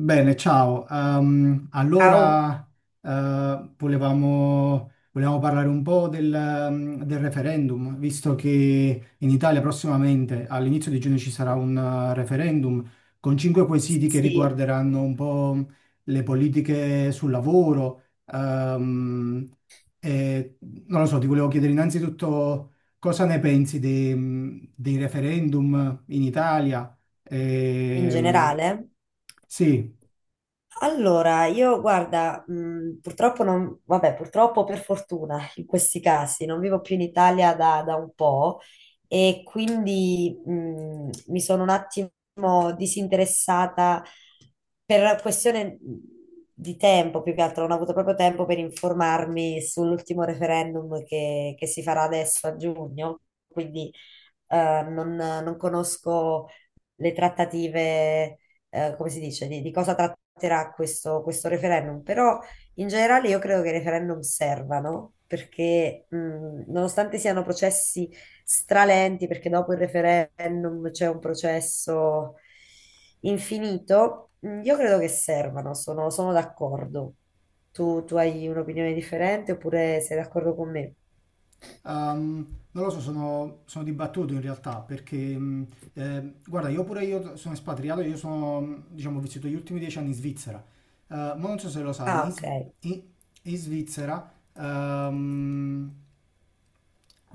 Bene, ciao. Ehm, Ciao, allora, eh, volevamo, volevamo parlare un po' del referendum, visto che in Italia prossimamente, all'inizio di giugno, ci sarà un referendum con cinque quesiti che sì, riguarderanno un po' le politiche sul lavoro. E, non lo so, ti volevo chiedere innanzitutto cosa ne pensi dei referendum in Italia. in Ehm, generale. sì. Allora, io guarda, purtroppo non, vabbè, purtroppo per fortuna in questi casi non vivo più in Italia da un po' e quindi mi sono un attimo disinteressata per questione di tempo, più che altro non ho avuto proprio tempo per informarmi sull'ultimo referendum che si farà adesso a giugno, quindi non conosco le trattative, come si dice, di cosa tratterà questo referendum, però in generale io credo che i referendum servano perché nonostante siano processi stralenti, perché dopo il referendum c'è un processo infinito. Io credo che servano, sono d'accordo. Tu hai un'opinione differente oppure sei d'accordo con me? Ehm, Non lo so, sono dibattuto in realtà perché, guarda, io pure io sono espatriato, diciamo, ho vissuto gli ultimi 10 anni in Svizzera. Ma non so se lo Ah, sai, ok, in- in Svizzera ehm,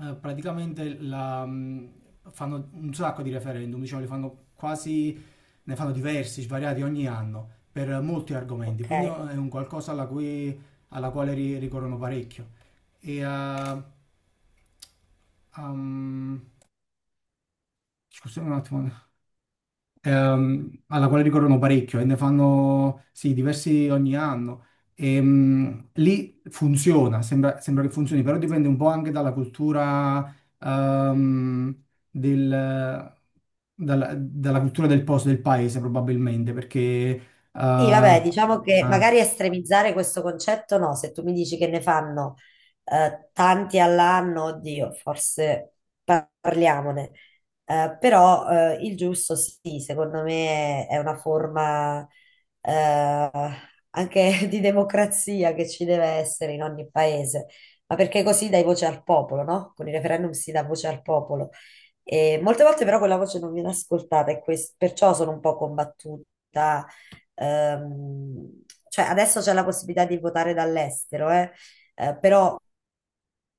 praticamente fanno un sacco di referendum, diciamo, ne fanno diversi, svariati ogni anno per molti argomenti, quindi è ok. un qualcosa alla quale ricorrono parecchio e a... Um, scusate un attimo, alla quale ricorrono parecchio e ne fanno sì, diversi ogni anno. Lì funziona, sembra che funzioni, però dipende un po' anche dalla cultura, ehm, del, dalla cultura del posto, del paese probabilmente, perché. eh, Sì, vabbè, ah, diciamo che magari estremizzare questo concetto no, se tu mi dici che ne fanno tanti all'anno, oddio, forse parliamone. Però il giusto sì, secondo me è una forma eh, anche di democrazia che ci deve essere in ogni paese, ma perché così dai voce al popolo, no? Con i referendum si dà voce al popolo. E molte volte però quella voce non viene ascoltata e perciò sono un po' combattuta. ehm, cioè adesso c'è la possibilità di votare dall'estero, però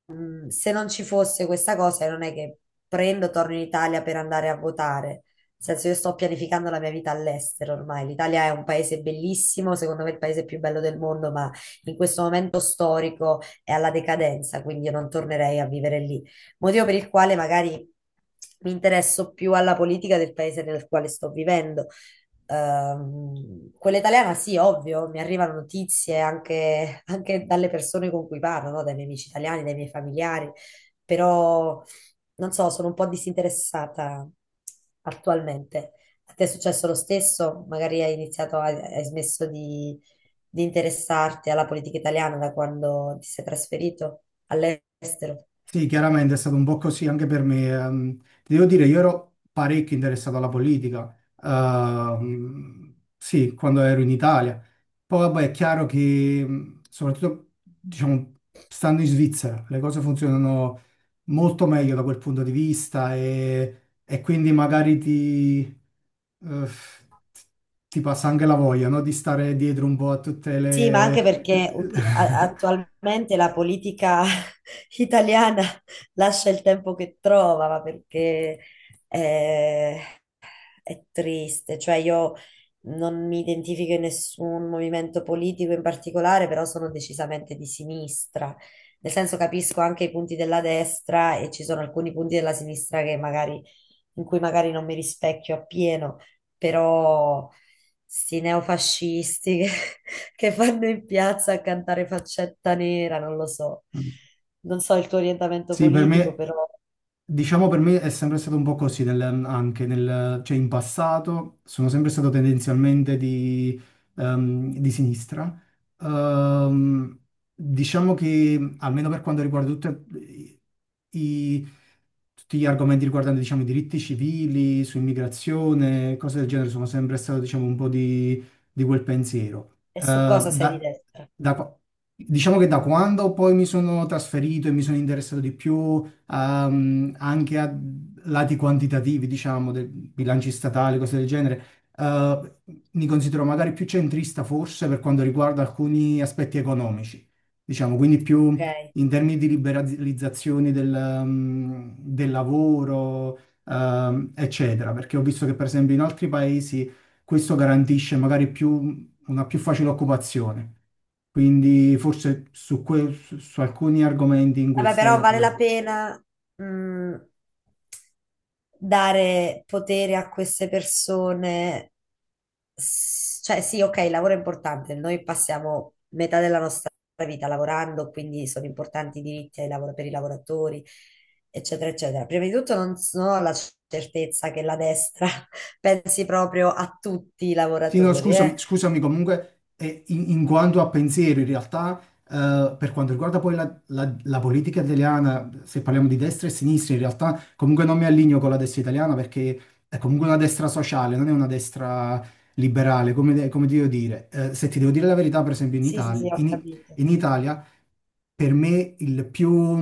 se non ci fosse questa cosa, non è che torno in Italia per andare a votare. Nel senso, io sto pianificando la mia vita all'estero ormai. L'Italia è un paese bellissimo, secondo me il paese più bello del mondo, ma in questo momento storico è alla decadenza, quindi io non tornerei a vivere lì. Motivo per il quale magari mi interesso più alla politica del paese nel quale sto vivendo. Quella italiana sì, ovvio, mi arrivano notizie anche dalle persone con cui parlo, no? Dai miei amici italiani, dai miei familiari, però non so, sono un po' disinteressata attualmente. A te è successo lo stesso? Magari hai iniziato, hai smesso di interessarti alla politica italiana da quando ti sei trasferito all'estero? Sì, chiaramente è stato un po' così anche per me. Ti devo dire, io ero parecchio interessato alla politica, sì, quando ero in Italia. Poi, vabbè, è chiaro che, soprattutto, diciamo, stando in Svizzera, le cose funzionano molto meglio da quel punto di vista e quindi magari eh, ti passa anche la voglia, no? Di stare dietro un po' a tutte Sì, ma anche le. perché attualmente la politica italiana lascia il tempo che trova, ma perché eh, è triste, cioè io non mi identifico in nessun movimento politico in particolare, però sono decisamente di sinistra. Nel senso capisco anche i punti della destra e ci sono alcuni punti della sinistra che magari, in cui magari non mi rispecchio appieno, però sti neofascisti che, che vanno in piazza a cantare Faccetta Nera, non lo so. Non so il tuo orientamento Sì, per politico, me. però Diciamo per me è sempre stato un po' così, cioè in passato sono sempre stato tendenzialmente di sinistra. Ehm, diciamo che almeno per quanto riguarda i- tutti gli argomenti riguardanti diciamo, i diritti civili, su immigrazione, cose del genere, sono sempre stato diciamo, un po' di quel pensiero. e su cosa sei di destra, da qua- diciamo che da quando poi mi sono trasferito e mi sono interessato di più anche a lati quantitativi, diciamo, dei bilanci statali, cose del genere. eh, Mi considero magari più centrista forse per quanto riguarda alcuni aspetti economici, diciamo, quindi ok? più in termini di liberalizzazione del lavoro, eccetera, perché ho visto che per esempio in altri paesi questo garantisce magari più, una più facile occupazione. Quindi forse su alcuni argomenti in quel Vabbè, però vale senso. la pena, mh, dare potere a queste persone. Cioè, sì, ok, il lavoro è importante. Noi passiamo metà della nostra vita lavorando, quindi sono importanti i diritti per i lavoratori, eccetera, eccetera. Prima di tutto non, non ho la certezza che la destra pensi proprio a tutti i Sì, no, lavoratori, eh. scusami, comunque in in quanto a pensiero, in realtà per quanto riguarda poi la politica italiana, se parliamo di destra e sinistra, in realtà comunque non mi allineo con la destra italiana perché è comunque una destra sociale, non è una destra liberale, come ti devo dire. Se ti devo dire la verità, per esempio in Sì, sì, Italia, sì, ho in capito. in Italia per me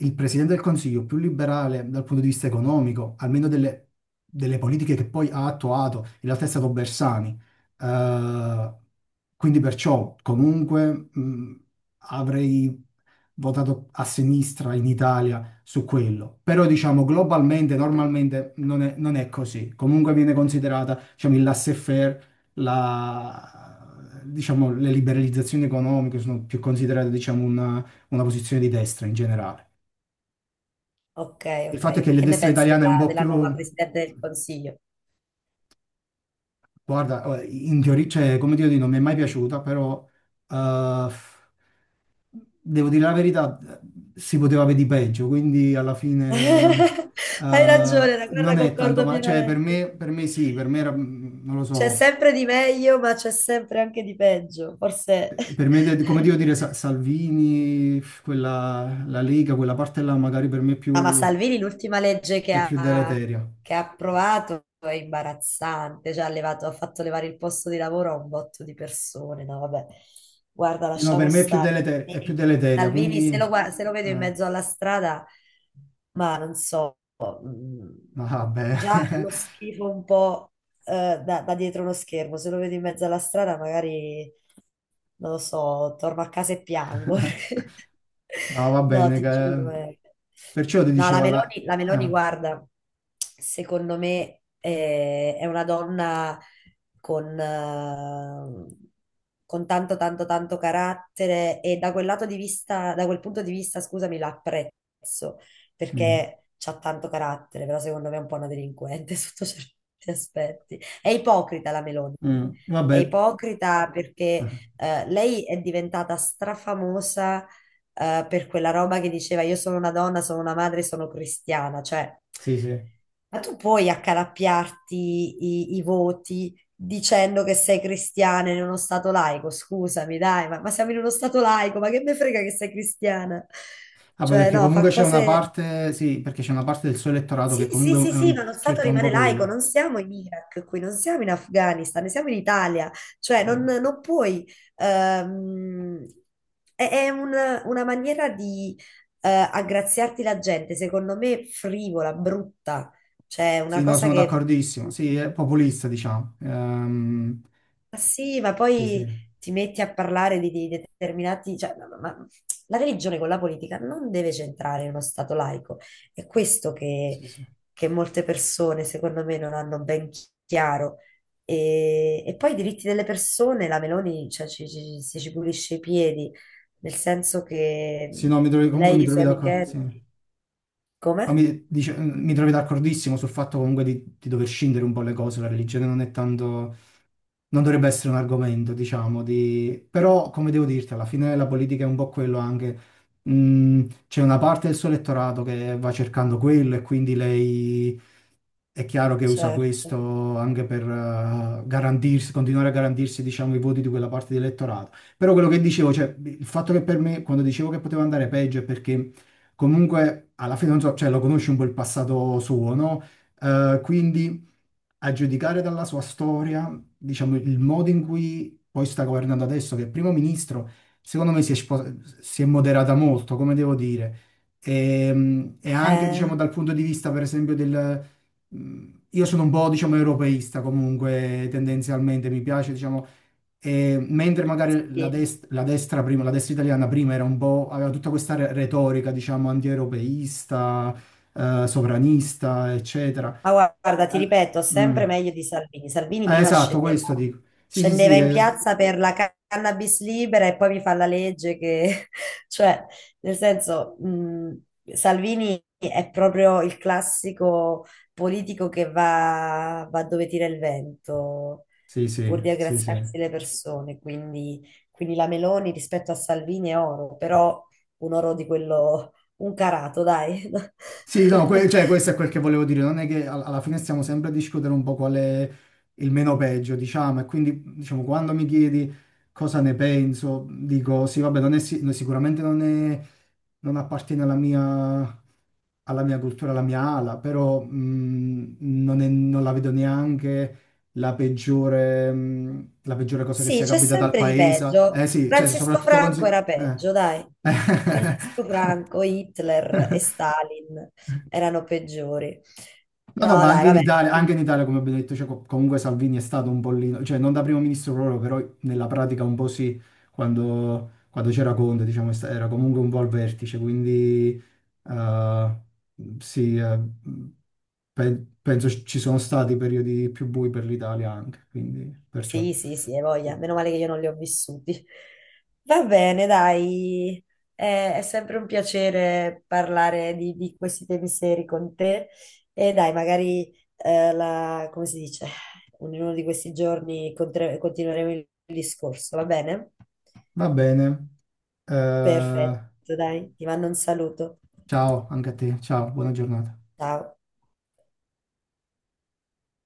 il presidente del Consiglio più liberale dal punto di vista economico, almeno delle politiche che poi ha attuato, in realtà è stato Bersani. Eh, quindi perciò comunque avrei votato a sinistra in Italia su quello. Però diciamo globalmente, normalmente non è così. Comunque viene considerata, diciamo, il laissez-faire, diciamo, le liberalizzazioni economiche sono più considerate, diciamo, una posizione di destra in generale. Ok, Il fatto è che ok. la Che ne destra pensi italiana è un po' della nuova più. Presidente del Consiglio? Guarda, in teoria, cioè, come dire, non mi è mai piaciuta, però eh, devo dire la verità, si poteva vedere peggio, quindi alla fine Hai eh, ragione, la guerra non è tanto concordo male. Cioè, per pienamente. me, per me sì, per me era, non lo C'è so, sempre di meglio, ma c'è sempre anche di peggio, forse. Come devo dire, Salvini, quella, la Lega, quella parte là magari per me è Ah, ma più, Salvini l'ultima legge è più deleteria. che ha approvato è imbarazzante, cioè ha fatto levare il posto di lavoro a un botto di persone. No, vabbè, guarda, No, per lasciamo me stare. È più Salvini, deleteria, Salvini, quindi. Se lo vedo in eh. mezzo alla strada, ma non so, mm, No, vabbè, già lo schifo un po' da dietro uno schermo, se lo vedo in mezzo alla strada magari non lo so, torno a casa e piango. no, va No, bene. ti giuro. Eh. Perciò ti No, dicevo alla. la Meloni, guarda, secondo me è una donna con, eh, con tanto, tanto, tanto carattere e da quel lato di vista, da quel punto di vista, scusami, la apprezzo mm, perché c'ha tanto carattere, però secondo me è un po' una delinquente sotto certi aspetti. È ipocrita la Meloni, è Vabbè, ipocrita perché ah, lei è diventata strafamosa per quella roba che diceva io sono una donna, sono una madre, sono cristiana. Cioè, sì, sì. ma tu puoi accalappiarti i voti dicendo che sei cristiana in uno stato laico? Scusami, dai, ma siamo in uno stato laico, ma che me frega che sei cristiana? Vabbè, Cioè, perché no, fa comunque c'è una cose parte, sì, perché c'è una parte del suo elettorato sì, che sì, comunque sì, sì, ma lo Stato cerca un po' rimane laico, quello. non siamo in Iraq qui, non siamo in Afghanistan, ne siamo in Italia, cioè Ah, non puoi, ehm, è una maniera di aggraziarti la gente, secondo me frivola, brutta, cioè sì, una no, cosa sono che d'accordissimo. Sì, è populista, diciamo. Ma sì, ma Sì, sì, poi ti metti a parlare di determinati, cioè, ma la religione con la politica non deve centrare in uno stato laico. È questo sì, sì. che molte persone, secondo me, non hanno chiaro. E poi i diritti delle persone, la Meloni, cioè, ci pulisce i piedi, nel senso che Sì, no, comunque lei mi e i trovi suoi d'accordo, sì. Ma amichetti, come? Mi trovi d'accordissimo sul fatto comunque di dover scindere un po' le cose. La religione non è tanto. Non dovrebbe essere un argomento, diciamo, di. Però come devo dirti, alla fine la politica è un po' quello anche. C'è una parte del suo elettorato che va cercando quello e quindi lei è chiaro che usa Certo. questo anche per garantirsi, continuare a garantirsi, diciamo, i voti di quella parte di elettorato. Però quello che dicevo, cioè, il fatto che per me, quando dicevo che poteva andare peggio è perché comunque alla fine, non so, cioè, lo conosci un po' il passato suo, no? Quindi a giudicare dalla sua storia, diciamo, il modo in cui poi sta governando adesso, che è primo ministro, secondo me si è moderata molto, come devo dire. E anche, diciamo, Eh, dal punto di vista, per esempio, del. Io sono un po', diciamo, europeista comunque, tendenzialmente, mi piace, diciamo, e mentre magari sì. La destra prima, la destra italiana prima era un po', aveva tutta questa retorica, diciamo, anti-europeista, sovranista, eccetera. Ma guarda, ti Al- ripeto, Mm. sempre meglio di Salvini. Salvini prima Esatto, scendeva, questo dico. Sì, sì, scendeva sì, in eh. piazza per la cannabis libera e poi mi fa la legge che, cioè, nel senso, Salvini è proprio il classico politico va dove tira il vento Sì, pur sì, di sì, sì. aggraziarsi le persone. Quindi, quindi la Meloni rispetto a Salvini è oro, però un oro di quello, un carato, dai. Sì, no, cioè, questo è quel che volevo dire. Non è che alla fine stiamo sempre a discutere un po' qual è il meno peggio, diciamo. E quindi, diciamo, quando mi chiedi cosa ne penso, dico sì, vabbè, non è no, sicuramente non è. Non appartiene alla mia cultura, alla mia ala, però non la vedo neanche la peggiore cosa che Sì, sia c'è capitata al sempre di paese. peggio. Eh sì, cioè Francisco soprattutto Franco consi- era eh. peggio, dai. Francisco Franco, Hitler e Stalin erano peggiori. No, no, No, ma dai, vabbè. Anche in Italia, come abbiamo detto, cioè, comunque Salvini è stato un pollino, cioè non da primo ministro proprio, però nella pratica un po' sì, quando c'era Conte, diciamo, era comunque un po' al vertice, quindi. Eh, sì, penso ci sono stati periodi più bui per l'Italia anche, quindi perciò. Sì, sì, sì, hai voglia. Sì. Meno male che io non li ho vissuti. Va bene, dai. È sempre un piacere parlare di questi temi seri con te. E dai, magari, come si dice, in uno di questi giorni continueremo il discorso, va bene? Va bene. Eh, Perfetto, dai, ti mando un saluto. Ciao anche a te, ciao, buona giornata. Ciao.